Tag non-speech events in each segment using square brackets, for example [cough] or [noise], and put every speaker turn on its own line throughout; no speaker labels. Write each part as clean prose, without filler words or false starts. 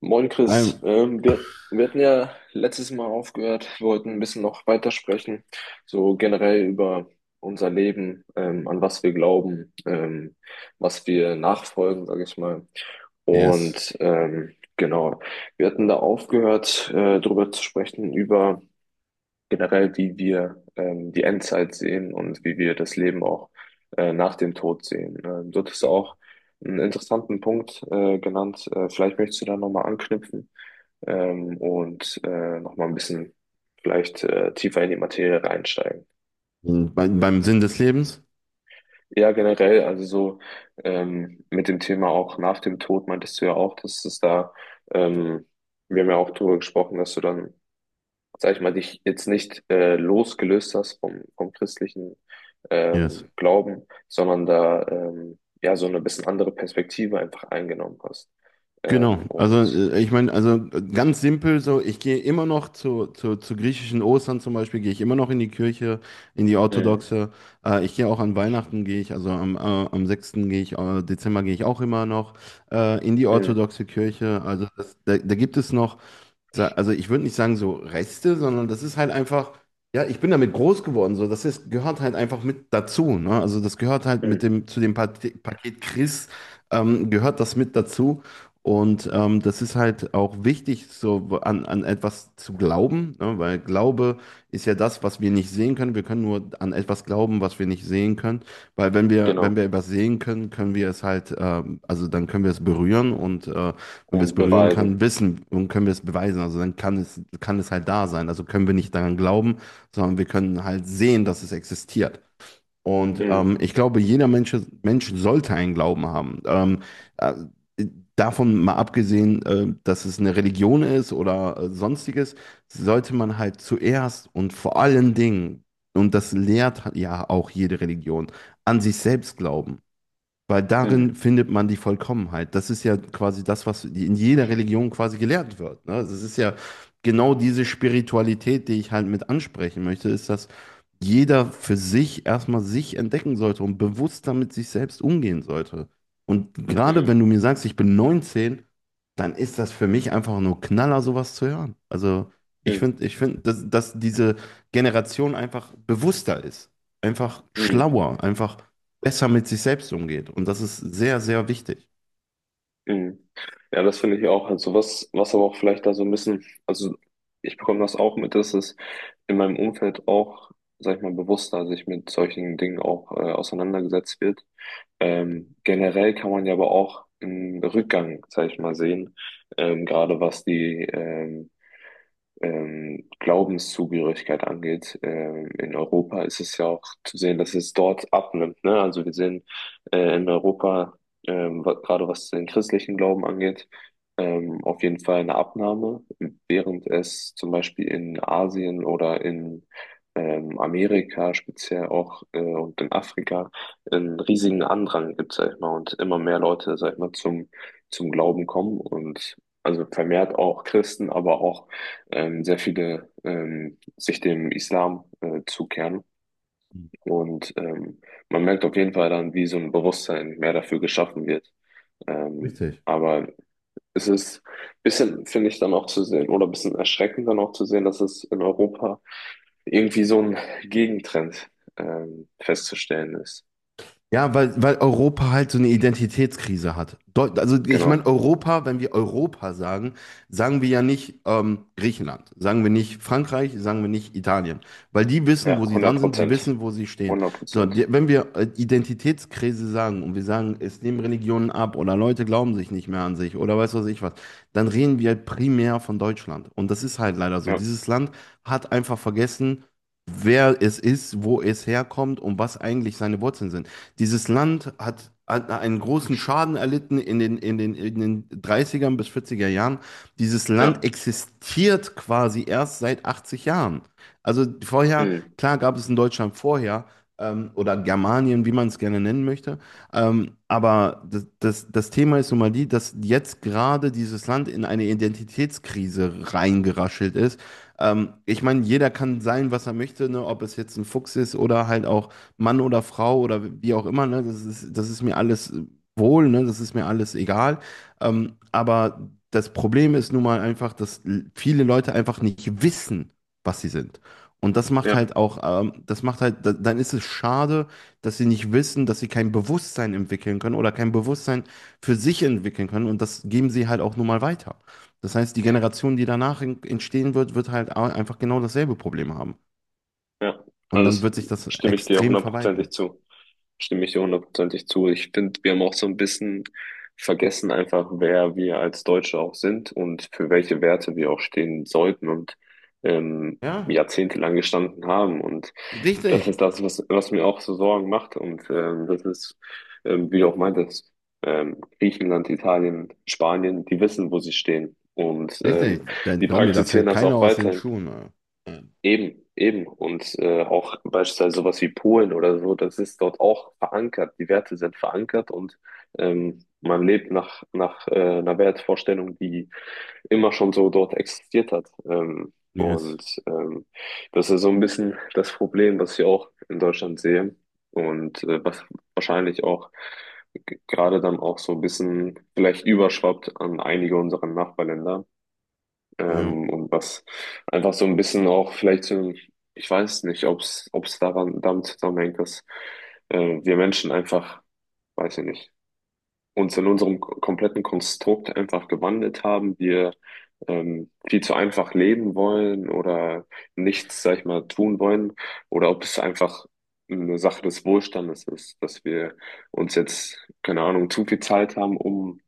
Moin Chris,
Ein-
wir hatten ja letztes Mal aufgehört. Wir wollten ein bisschen noch weitersprechen, so generell über unser Leben, an was wir glauben, was wir nachfolgen, sage ich mal.
yes.
Und genau, wir hatten da aufgehört, darüber zu sprechen, über generell, wie wir die Endzeit sehen und wie wir das Leben auch nach dem Tod sehen. Dort ist auch einen interessanten Punkt genannt. Vielleicht möchtest du da nochmal anknüpfen, und nochmal ein bisschen vielleicht tiefer in die Materie reinsteigen.
Beim Sinn des Lebens?
Ja, generell, also so, mit dem Thema auch nach dem Tod meintest du ja auch, dass es da, ähm, wir haben ja auch darüber gesprochen, dass du dann, sag ich mal, dich jetzt nicht losgelöst hast vom christlichen,
Yes.
Glauben, sondern da, ja, so eine bisschen andere Perspektive einfach eingenommen hast.
Genau.
Ähm,
Also
und
ich meine, also ganz simpel so, ich gehe immer noch zu griechischen Ostern zum Beispiel, gehe ich immer noch in die Kirche, in die
mhm.
orthodoxe. Ich gehe auch an Weihnachten, gehe ich, also am 6. Dezember gehe ich auch immer noch in die
Mhm.
orthodoxe Kirche. Also da gibt es noch also ich würde nicht sagen so Reste, sondern das ist halt einfach, ja, ich bin damit groß geworden, so, gehört halt einfach mit dazu, ne? Also das gehört halt mit
Mhm.
dem, zu dem Paket Chris, gehört das mit dazu. Und das ist halt auch wichtig, so an, an etwas zu glauben, ne? Weil Glaube ist ja das, was wir nicht sehen können. Wir können nur an etwas glauben, was wir nicht sehen können. Weil wenn wir, wenn
Genau.
wir etwas sehen können, können wir es halt, also dann können wir es berühren und wenn wir es
Und
berühren kann,
beweisen.
wissen und können wir es beweisen. Also dann kann es halt da sein. Also können wir nicht daran glauben, sondern wir können halt sehen, dass es existiert. Und
Mhm.
ich glaube, jeder Mensch sollte einen Glauben haben. Äh, Davon mal abgesehen, dass es eine Religion ist oder sonstiges, sollte man halt zuerst und vor allen Dingen, und das lehrt ja auch jede Religion, an sich selbst glauben. Weil darin
Mhm.
findet man die Vollkommenheit. Das ist ja quasi das, was in jeder Religion quasi gelehrt wird. Ne? Also es ist ja genau diese Spiritualität, die ich halt mit ansprechen möchte, ist, dass jeder für sich erstmal sich entdecken sollte und bewusster mit sich selbst umgehen sollte. Und gerade wenn
Mhm.
du mir sagst, ich bin 19, dann ist das für mich einfach nur Knaller, sowas zu hören. Also ich
Mhm.
finde, ich finde, dass diese Generation einfach bewusster ist, einfach
Mhm.
schlauer, einfach besser mit sich selbst umgeht. Und das ist sehr, sehr wichtig.
Mhm. Ja, das finde ich auch. Also was aber auch vielleicht da so ein bisschen, also ich bekomme das auch mit, dass es in meinem Umfeld auch, sag ich mal, bewusster sich mit solchen Dingen auch auseinandergesetzt wird. Generell kann man ja aber auch einen Rückgang, sag ich mal, sehen, gerade was die, Glaubenszugehörigkeit angeht. In Europa ist es ja auch zu sehen, dass es dort abnimmt. Ne? Also wir sehen, in Europa, gerade was den christlichen Glauben angeht, auf jeden Fall eine Abnahme, während es zum Beispiel in Asien oder in, Amerika speziell auch, und in Afrika einen riesigen Andrang gibt, sag ich mal, und immer mehr Leute, sag ich mal, zum Glauben kommen und also vermehrt auch Christen, aber auch, sehr viele, sich dem Islam zukehren. Und man merkt auf jeden Fall dann, wie so ein Bewusstsein mehr dafür geschaffen wird. Ähm,
Richtig.
aber es ist ein bisschen, finde ich, dann auch zu sehen, oder ein bisschen erschreckend dann auch zu sehen, dass es in Europa irgendwie so ein Gegentrend, festzustellen ist.
Ja, weil Europa halt so eine Identitätskrise hat. Deu Also ich meine,
Genau.
Europa, wenn wir Europa sagen, sagen wir ja nicht Griechenland, sagen wir nicht Frankreich, sagen wir nicht Italien, weil die wissen,
Ja,
wo sie
hundert
dran sind, sie
Prozent.
wissen, wo sie stehen.
Hundert
So,
Prozent.
wenn wir Identitätskrise sagen und wir sagen, es nehmen Religionen ab oder Leute glauben sich nicht mehr an sich oder weiß was ich was, dann reden wir halt primär von Deutschland. Und das ist halt leider so.
Ja,
Dieses Land hat einfach vergessen, wer es ist, wo es herkommt und was eigentlich seine Wurzeln sind. Dieses Land hat einen großen Schaden erlitten in den 30ern bis 40 Jahren. Dieses
ja,
Land existiert quasi erst seit 80 Jahren. Also vorher,
hm,
klar gab es in Deutschland vorher, oder Germanien, wie man es gerne nennen möchte. Aber das Thema ist nun mal die, dass jetzt gerade dieses Land in eine Identitätskrise reingeraschelt ist. Ich meine, jeder kann sein, was er möchte, ne? Ob es jetzt ein Fuchs ist oder halt auch Mann oder Frau oder wie auch immer, ne? Das ist mir alles wohl, ne? Das ist mir alles egal. Aber das Problem ist nun mal einfach, dass viele Leute einfach nicht wissen, was sie sind. Und das macht
ja,
halt auch, das macht halt, dann ist es schade, dass sie nicht wissen, dass sie kein Bewusstsein entwickeln können oder kein Bewusstsein für sich entwickeln können. Und das geben sie halt auch nun mal weiter. Das heißt, die Generation, die danach entstehen wird, wird halt einfach genau dasselbe Problem haben.
ja.
Und dann
Also das,
wird sich das
stimme ich dir
extrem verweiten.
hundertprozentig zu. Stimme ich dir hundertprozentig zu. Ich finde, wir haben auch so ein bisschen vergessen einfach, wer wir als Deutsche auch sind und für welche Werte wir auch stehen sollten und
Ja.
jahrzehntelang gestanden haben. Und das
Richtig,
ist das, was mir auch so Sorgen macht. Und das ist, wie du auch meintest, Griechenland, Italien, Spanien, die wissen, wo sie stehen. Und
richtig. Dann
die
glaub mir, da
praktizieren
fällt
das
keiner
auch
aus den
weiterhin.
Schuhen. äh.
Eben, eben. Und auch beispielsweise sowas wie Polen oder so, das ist dort auch verankert. Die Werte sind verankert und man lebt nach einer Wertvorstellung, die immer schon so dort existiert hat.
Yes.
Das ist so ein bisschen das Problem, was ich auch in Deutschland sehe, und was wahrscheinlich auch gerade dann auch so ein bisschen vielleicht überschwappt an einige unserer Nachbarländer.
Ja.
Und was einfach so ein bisschen auch vielleicht, ich weiß nicht, ob es daran damit zusammenhängt, dass, äh, wir Menschen einfach, weiß ich nicht, uns in unserem kompletten Konstrukt einfach gewandelt haben. Wir, viel zu einfach leben wollen oder nichts, sag ich mal, tun wollen. Oder ob es einfach eine Sache des Wohlstandes ist, dass wir uns jetzt, keine Ahnung, zu viel Zeit haben, um,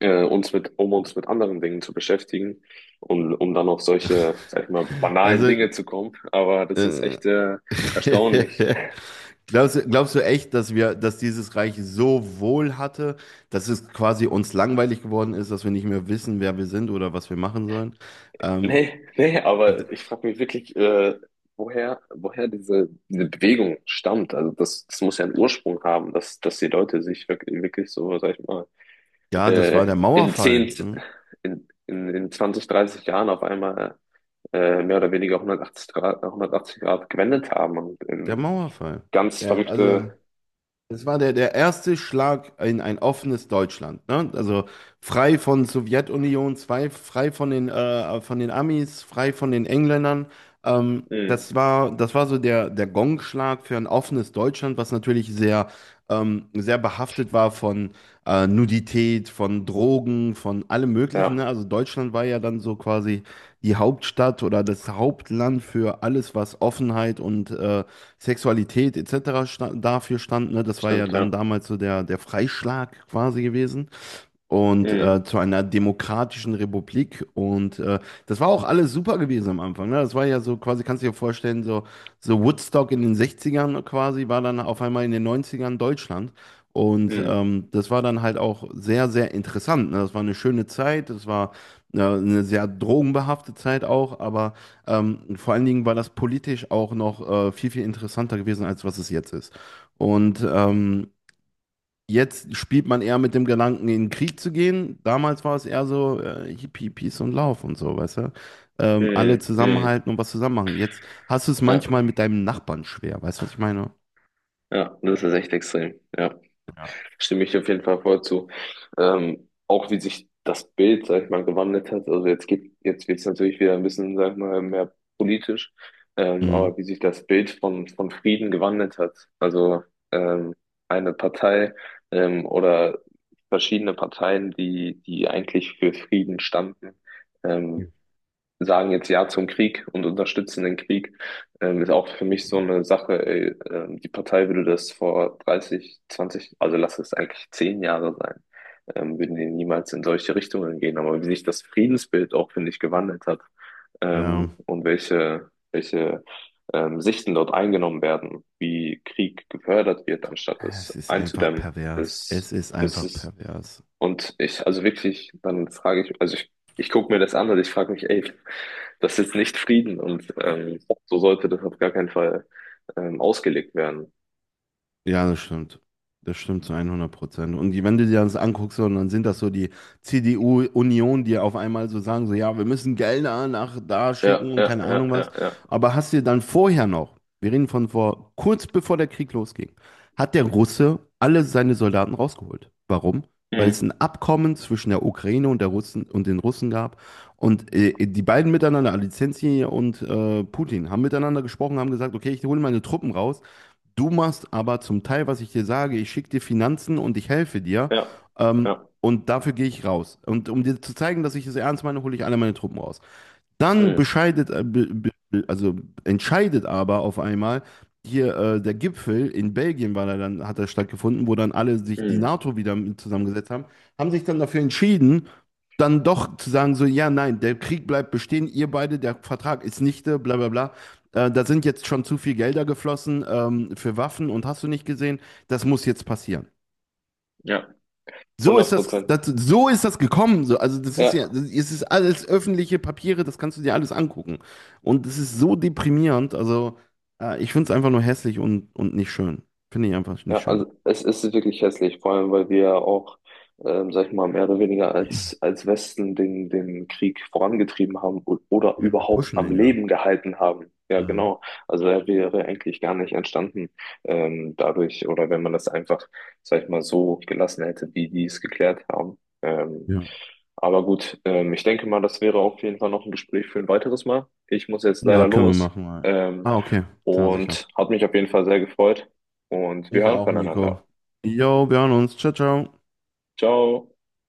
um uns mit anderen Dingen zu beschäftigen und um dann auf solche, sag ich mal, banalen
Also,
Dinge zu kommen. Aber das ist
äh,
echt erstaunlich.
[laughs] glaubst du echt, dass wir, dass dieses Reich so wohl hatte, dass es quasi uns langweilig geworden ist, dass wir nicht mehr wissen, wer wir sind oder was wir machen sollen? Ähm,
Nee, nee,
d-
aber ich frage mich wirklich, woher diese Bewegung stammt. Also das muss ja einen Ursprung haben, dass die Leute sich wirklich, wirklich so, sag ich mal,
ja, das war der
in 10
Mauerfall. Ne?
in 20, 30 Jahren auf einmal mehr oder weniger 180 Grad, 180 Grad gewendet haben und
Der
in
Mauerfall.
ganz
Der, also.
verrückte…
Das war der erste Schlag in ein offenes Deutschland. Ne? Also frei von Sowjetunion, zwei, frei von den Amis, frei von den Engländern. Ähm,
Mhm.
das war, das war so der Gongschlag für ein offenes Deutschland, was natürlich sehr behaftet war von Nudität, von Drogen, von allem Möglichen.
Ja,
Ne? Also Deutschland war ja dann so quasi die Hauptstadt oder das Hauptland für alles, was Offenheit und Sexualität etc. Sta dafür stand. Ne? Das war ja
stimmt,
dann
ja.
damals so der Freischlag quasi gewesen und
Mhm.
zu einer demokratischen Republik. Und das war auch alles super gewesen am Anfang. Ne? Das war ja so quasi, kannst du dir vorstellen, so, so Woodstock in den 60ern quasi, war dann auf einmal in den 90ern Deutschland. Und
Mhm.
das war dann halt auch sehr, sehr interessant. Ne? Das war eine schöne Zeit, das war eine sehr drogenbehaftete Zeit auch, aber vor allen Dingen war das politisch auch noch viel, viel interessanter gewesen, als was es jetzt ist. Und jetzt spielt man eher mit dem Gedanken, in den Krieg zu gehen. Damals war es eher so, Hippie, Peace und Lauf und so, weißt du? Alle
Mhm. Mhm.
zusammenhalten und was zusammen machen. Jetzt hast du es
Ja,
manchmal mit deinem Nachbarn schwer, weißt du, was ich meine?
ja, das ist echt extrem. Ja, stimme ich auf jeden Fall voll zu. Auch wie sich das Bild, sag ich mal, gewandelt hat. Also jetzt geht, jetzt wird es natürlich wieder ein bisschen, sag ich mal, mehr politisch.
Mhm.
Aber wie sich das Bild von Frieden gewandelt hat. Also, ähm, eine Partei, oder verschiedene Parteien, die eigentlich für Frieden standen, ähm, sagen jetzt Ja zum Krieg und unterstützen den Krieg, ist auch für mich so eine Sache, ey, die Partei würde das vor 30 zwanzig, also lass es eigentlich 10 Jahre sein, würden die niemals in solche Richtungen gehen. Aber wie sich das Friedensbild auch, finde ich, gewandelt hat,
Ja,
und welche, Sichten dort eingenommen werden, wie Krieg gefördert wird, anstatt es
es ist einfach
einzudämmen,
pervers. Es ist
ist
einfach
es.
pervers.
Und ich, also wirklich, dann frage ich, also ich gucke mir das an und ich frage mich, ey, das ist nicht Frieden und, so sollte das auf gar keinen Fall, ausgelegt werden.
Ja, das stimmt. Das stimmt zu 100%. Und wenn du dir das anguckst, und dann sind das so die CDU-Union, die auf einmal so sagen, so, ja, wir müssen Gelder nach da
Ja,
schicken und
ja,
keine
ja,
Ahnung was.
ja, ja.
Aber hast du dann vorher noch, wir reden von vor, kurz bevor der Krieg losging, hat der Russe alle seine Soldaten rausgeholt. Warum? Weil es
Mhm.
ein Abkommen zwischen der Ukraine und der Russen und den Russen gab. Und die beiden miteinander, Alizensi und Putin, haben miteinander gesprochen, haben gesagt, okay, ich hole meine Truppen raus. Du machst aber zum Teil, was ich dir sage, ich schicke dir Finanzen und ich helfe dir.
Ja,
Ähm,
ja,
und dafür gehe ich raus. Und um dir zu zeigen, dass ich es ernst meine, hole ich alle meine Truppen raus. Dann
Mhm.
also entscheidet aber auf einmal hier der Gipfel in Belgien war da dann, hat er stattgefunden, wo dann alle sich die
Mhm.
NATO wieder mit zusammengesetzt haben, haben sich dann dafür entschieden, dann doch zu sagen, so, ja, nein, der Krieg bleibt bestehen, ihr beide, der Vertrag ist nichte, bla bla bla. Da sind jetzt schon zu viel Gelder geflossen für Waffen und hast du nicht gesehen, das muss jetzt passieren.
Ja.
So ist
100
das,
Prozent.
das, so ist das gekommen. So, also das ist ja,
Ja.
das, es ist alles öffentliche Papiere, das kannst du dir alles angucken. Und es ist so deprimierend. Also ich finde es einfach nur hässlich und nicht schön. Finde ich einfach nicht
Ja,
schön.
also es ist wirklich hässlich, vor allem weil wir ja auch, sag ich mal, mehr oder weniger als Westen den Krieg vorangetrieben haben oder
Ja, wir
überhaupt
pushen
am
den ja.
Leben gehalten haben. Ja,
Mhm.
genau. Also er wäre eigentlich gar nicht entstanden, dadurch, oder wenn man das einfach, sag ich mal, so gelassen hätte, wie die es geklärt haben.
Ja.
Aber gut, ich denke mal, das wäre auf jeden Fall noch ein Gespräch für ein weiteres Mal. Ich muss jetzt
Ja,
leider
können wir
los.
machen. Mal.
Ähm,
Ah, okay. Klar, sicher.
und hat mich auf jeden Fall sehr gefreut und wir
Ich
hören
auch, Nico.
voneinander.
Jo, wir hören uns. Ciao, ciao.
Ciao.